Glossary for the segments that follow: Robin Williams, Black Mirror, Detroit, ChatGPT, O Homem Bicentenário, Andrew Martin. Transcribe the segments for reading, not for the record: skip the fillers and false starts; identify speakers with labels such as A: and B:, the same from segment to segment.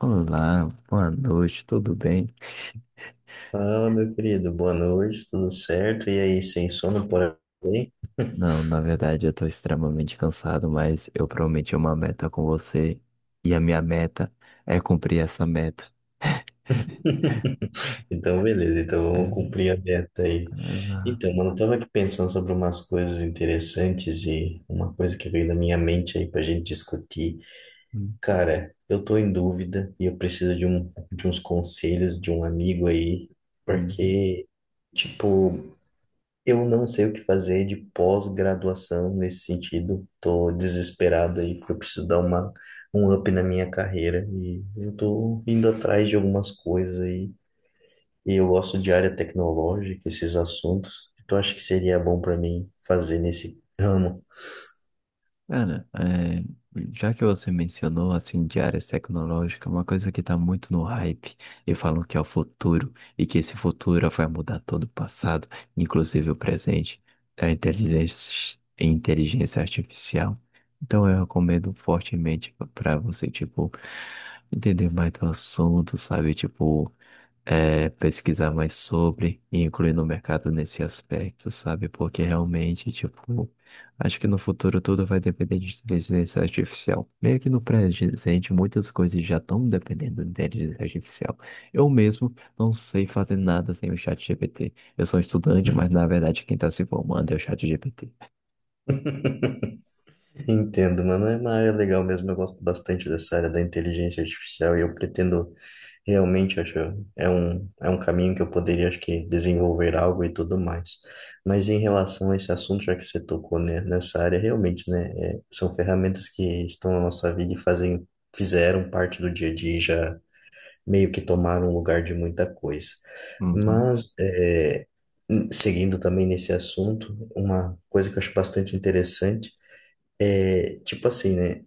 A: Olá, boa noite, tudo bem?
B: Fala, meu querido, boa noite, tudo certo? E aí, sem sono por aí?
A: Não, na verdade eu tô extremamente cansado, mas eu prometi uma meta com você e a minha meta é cumprir essa meta.
B: Então, beleza, então vamos
A: É,
B: cumprir a meta aí.
A: exato.
B: Então, mano, eu tava aqui pensando sobre umas coisas interessantes e uma coisa que veio na minha mente aí pra gente discutir.
A: Hum,
B: Cara, eu tô em dúvida e eu preciso de uns conselhos de um amigo aí,
A: hum. hum.
B: porque, tipo, eu não sei o que fazer de pós-graduação nesse sentido. Tô desesperado aí porque eu preciso um up na minha carreira e eu tô indo atrás de algumas coisas aí. E eu gosto de área tecnológica, esses assuntos. Então acho que seria bom para mim fazer nesse ramo.
A: Cara, é, já que você mencionou assim de áreas tecnológicas, uma coisa que tá muito no hype e falam que é o futuro e que esse futuro vai mudar todo o passado, inclusive o presente, é a inteligência artificial. Então eu recomendo fortemente para você, tipo, entender mais do assunto, sabe? Tipo, é, pesquisar mais sobre e incluir no mercado nesse aspecto, sabe? Porque realmente, tipo, acho que no futuro tudo vai depender de inteligência artificial. Meio que no presente, muitas coisas já estão dependendo de inteligência artificial. Eu mesmo não sei fazer nada sem o chat GPT. Eu sou estudante, mas na verdade quem está se formando é o chat GPT.
B: Entendo, mano. É uma área legal mesmo. Eu gosto bastante dessa área da inteligência artificial e eu pretendo. Realmente acho é um caminho que eu poderia, acho que, desenvolver algo e tudo mais. Mas em relação a esse assunto, já que você tocou, né, nessa área, realmente, né, é, são ferramentas que estão na nossa vida e fazem fizeram parte do dia a dia, e já meio que tomaram lugar de muita coisa.
A: Uhum.
B: Mas é, seguindo também nesse assunto, uma coisa que eu acho bastante interessante é tipo assim, né,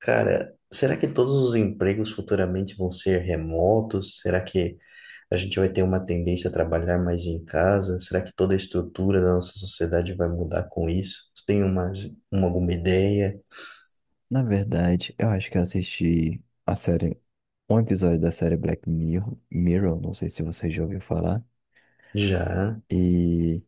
B: cara, será que todos os empregos futuramente vão ser remotos? Será que a gente vai ter uma tendência a trabalhar mais em casa? Será que toda a estrutura da nossa sociedade vai mudar com isso? Tu tem alguma ideia?
A: Na verdade, eu acho que eu assisti a série, um episódio da série Black Mirror, Mirror, não sei se você já ouviu falar.
B: Já.
A: E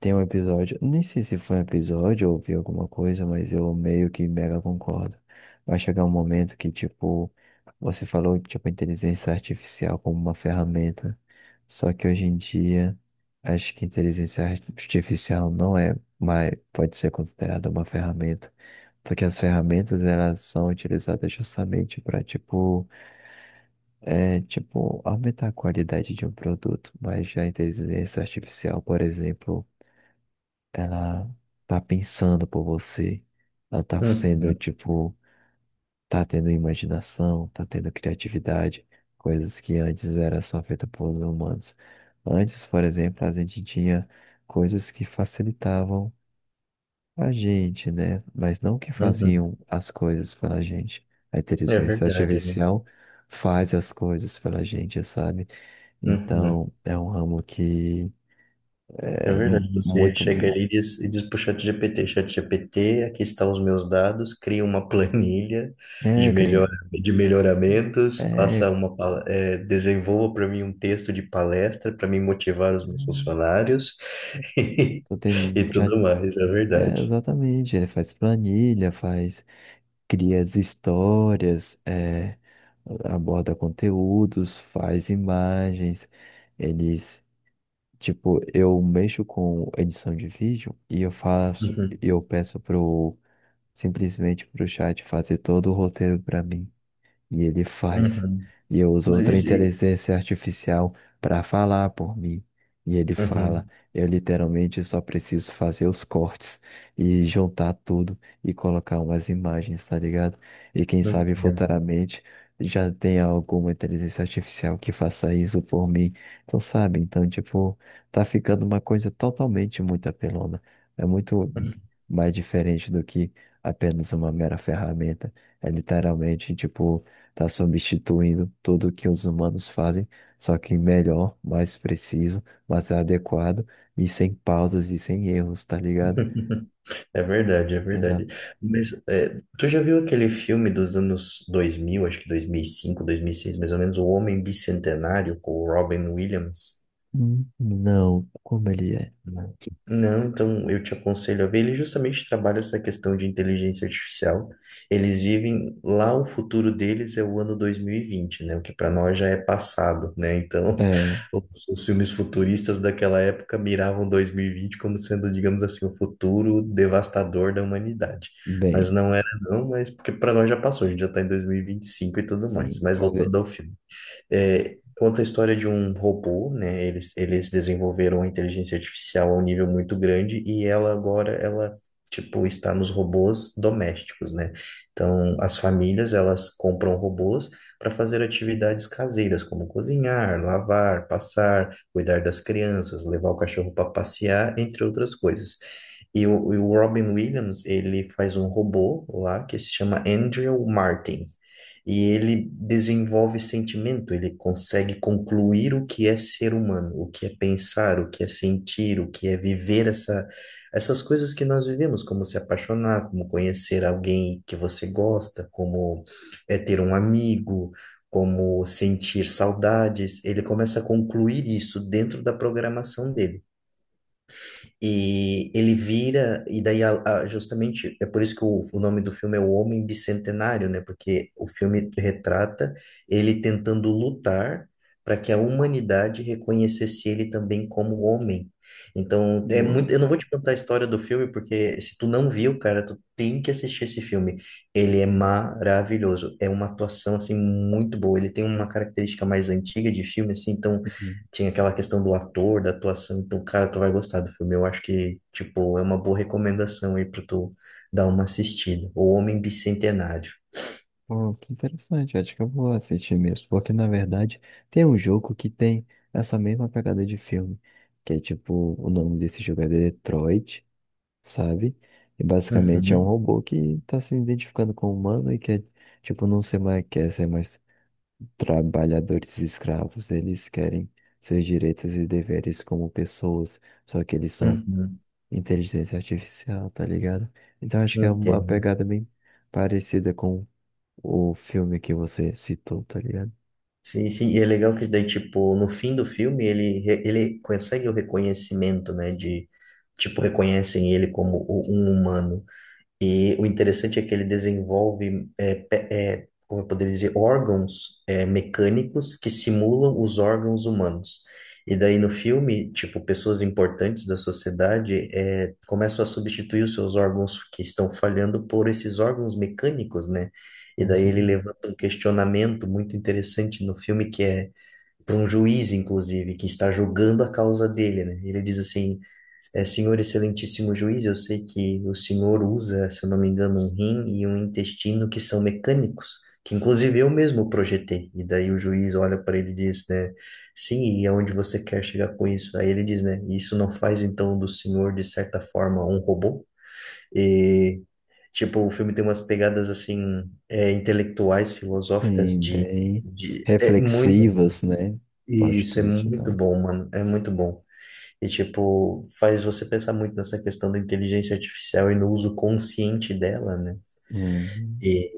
A: tem um episódio, nem sei se foi um episódio ou vi alguma coisa, mas eu meio que mega concordo. Vai chegar um momento que, tipo, você falou, tipo, inteligência artificial como uma ferramenta. Só que hoje em dia, acho que inteligência artificial não é, mas pode ser considerada uma ferramenta. Porque as ferramentas, elas são utilizadas justamente para, tipo, é, tipo, aumentar a qualidade de um produto. Mas já a inteligência artificial, por exemplo, ela tá pensando por você, ela tá sendo,
B: Uhum,
A: tipo, tá tendo imaginação, tá tendo criatividade, coisas que antes era só feita por humanos. Antes, por exemplo, a gente tinha coisas que facilitavam a gente, né? Mas não que
B: uhum.
A: faziam as coisas pela gente. A
B: É
A: inteligência
B: verdade, né?
A: artificial faz as coisas pela gente, sabe?
B: Uhum.
A: Então, é um ramo que
B: É
A: é
B: verdade. Você
A: muito.
B: chega ali e diz pro ChatGPT, ChatGPT, aqui está os meus dados, cria uma planilha
A: É, cri-
B: de melhoramentos,
A: É,
B: faça desenvolva para mim um texto de palestra para me motivar os meus funcionários.
A: Então tem
B: E
A: mu- já
B: tudo mais, é
A: é,
B: verdade.
A: exatamente, ele faz planilha, faz, cria as histórias, é, aborda conteúdos, faz imagens, eles, tipo, eu mexo com edição de vídeo e eu faço,
B: Uhum,
A: eu peço pro simplesmente pro chat fazer todo o roteiro para mim. E ele faz.
B: uhum.
A: E eu uso
B: E-
A: outra
B: e-
A: inteligência artificial para falar por mim. E ele fala.
B: uhum,
A: Eu literalmente só preciso fazer os cortes e juntar tudo e colocar umas imagens, tá ligado? E quem sabe
B: entendo.
A: futuramente já tenha alguma inteligência artificial que faça isso por mim. Então, sabe? Então, tipo, tá ficando uma coisa totalmente muito apelona. É muito mais diferente do que apenas uma mera ferramenta. É literalmente, tipo, tá substituindo tudo o que os humanos fazem, só que melhor, mais preciso, mais adequado e sem pausas e sem erros, tá ligado?
B: É verdade, é verdade.
A: Exato.
B: Mas é, tu já viu aquele filme dos anos dois mil, acho que 2005, seis, mais ou menos, O Homem Bicentenário, com o Robin Williams?
A: Não, como ele é?
B: Não. Não, então eu te aconselho a ver. Ele justamente trabalha essa questão de inteligência artificial. Eles vivem lá, o futuro deles é o ano dois mil e vinte, né? O que para nós já é passado, né? Então,
A: É,
B: todos os filmes futuristas daquela época miravam 2020 como sendo, digamos assim, o futuro devastador da humanidade.
A: bem,
B: Mas não era, não, mas porque para nós já passou, a gente já está em 2025 e vinte e cinco e tudo mais.
A: sim.
B: Mas voltando ao filme. É, conta a história de um robô, né? Eles desenvolveram a inteligência artificial a um nível muito grande e ela agora, ela, tipo, está nos robôs domésticos, né? Então, as famílias, elas compram robôs para fazer atividades caseiras, como cozinhar, lavar, passar, cuidar das crianças, levar o cachorro para passear, entre outras coisas. E o Robin Williams, ele faz um robô lá que se chama Andrew Martin. E ele desenvolve sentimento, ele consegue concluir o que é ser humano, o que é pensar, o que é sentir, o que é viver essas coisas que nós vivemos, como se apaixonar, como conhecer alguém que você gosta, como é ter um amigo, como sentir saudades. Ele começa a concluir isso dentro da programação dele. E ele vira, e daí justamente é por isso que o nome do filme é O Homem Bicentenário, né? Porque o filme retrata ele tentando lutar para que a humanidade reconhecesse ele também como homem. Então, é muito,
A: Não.
B: eu não vou te contar a história do filme, porque se tu não viu, cara, tu tem que assistir esse filme. Ele é maravilhoso, é uma atuação assim muito boa. Ele tem uma característica mais antiga de filme, assim, então
A: Uhum.
B: tinha aquela questão do ator, da atuação, então, cara, tu vai gostar do filme. Eu acho que, tipo, é uma boa recomendação aí pra tu dar uma assistida. O Homem Bicentenário.
A: Oh, que interessante, acho que eu vou assistir mesmo, porque na verdade tem um jogo que tem essa mesma pegada de filme, que é tipo, o nome desse jogo é Detroit. Sabe? E basicamente é um
B: Uhum,
A: robô que tá se identificando com o humano e quer, tipo, não ser mais, quer ser mais trabalhadores escravos. Eles querem seus direitos e deveres como pessoas, só que eles são
B: uhum,
A: inteligência artificial, tá ligado? Então acho que é uma
B: entendo.
A: pegada bem parecida com o filme que você citou, tá ligado?
B: Sim, sim, e é legal que daí, tipo, no fim do filme, ele consegue o reconhecimento, né, de, tipo, reconhecem ele como um humano. E o interessante é que ele desenvolve, é, como eu poderia dizer, órgãos, é, mecânicos que simulam os órgãos humanos. E daí no filme, tipo, pessoas importantes da sociedade, é, começam a substituir os seus órgãos que estão falhando por esses órgãos mecânicos, né? E daí ele
A: Uhum.
B: levanta um questionamento muito interessante no filme que é para um juiz, inclusive, que está julgando a causa dele, né? Ele diz assim. É, senhor excelentíssimo juiz, eu sei que o senhor usa, se eu não me engano, um rim e um intestino que são mecânicos, que inclusive eu mesmo projetei. E daí o juiz olha para ele e diz, né, sim, e aonde você quer chegar com isso? Aí ele diz, né, isso não faz então do senhor, de certa forma, um robô? E, tipo, o filme tem umas pegadas, assim, é, intelectuais, filosóficas,
A: Bem, bem
B: é muito bom.
A: reflexivas, né? Plot
B: Isso, é
A: twist e
B: muito
A: tal.
B: bom, mano, é muito bom. E, tipo, faz você pensar muito nessa questão da inteligência artificial e no uso consciente dela, né?
A: Uhum,
B: E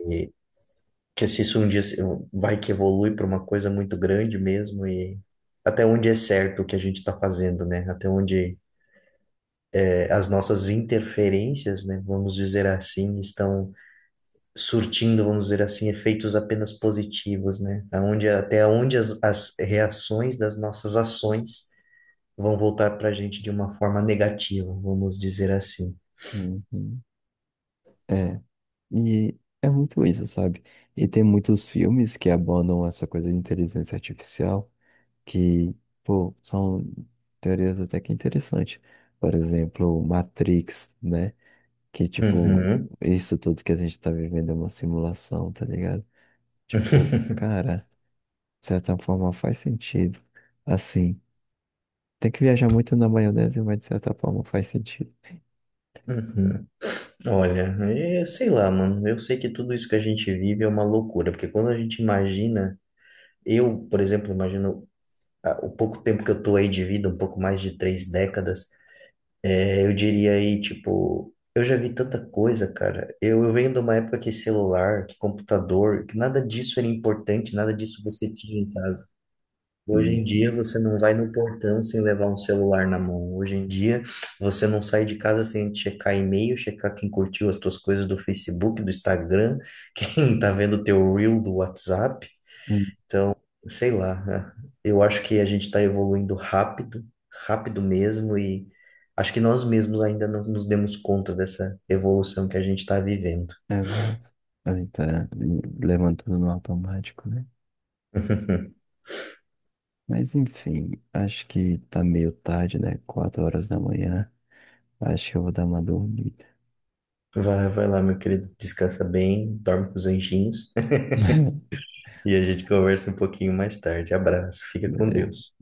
B: que se isso um dia vai que evolui para uma coisa muito grande mesmo, e até onde é certo o que a gente está fazendo, né? Até onde, é, as nossas interferências, né, vamos dizer assim, estão surtindo, vamos dizer assim, efeitos apenas positivos, né? Até onde as reações das nossas ações vão voltar para a gente de uma forma negativa, vamos dizer assim.
A: uhum. É. E é muito isso, sabe? E tem muitos filmes que abordam essa coisa de inteligência artificial que, pô, são teorias até que interessantes. Por exemplo, Matrix, né? Que, tipo,
B: Uhum.
A: isso tudo que a gente tá vivendo é uma simulação, tá ligado? Tipo, cara, de certa forma faz sentido. Assim. Tem que viajar muito na maionese, mas de certa forma faz sentido.
B: Uhum. Olha, é, sei lá, mano. Eu sei que tudo isso que a gente vive é uma loucura, porque quando a gente imagina, eu, por exemplo, imagino, ah, o pouco tempo que eu tô aí de vida, um pouco mais de 3 décadas, é, eu diria aí, tipo, eu já vi tanta coisa, cara. Eu venho de uma época que celular, que computador, que nada disso era importante, nada disso você tinha em casa. Hoje em
A: Sim.
B: dia você não vai no portão sem levar um celular na mão. Hoje em dia você não sai de casa sem checar e-mail, checar quem curtiu as tuas coisas do Facebook, do Instagram, quem tá vendo o teu reel do WhatsApp,
A: Hum,
B: sei lá, né? Eu acho que a gente está evoluindo rápido, rápido mesmo, e acho que nós mesmos ainda não nos demos conta dessa evolução que a gente está vivendo.
A: Exato. A gente tá levantando no automático, né? Mas enfim, acho que tá meio tarde, né? 4 horas da manhã. Acho que eu vou dar uma dormida.
B: Vai, vai lá, meu querido, descansa bem, dorme com os anjinhos. E a gente conversa um pouquinho mais tarde. Abraço, fica com
A: Beleza.
B: Deus.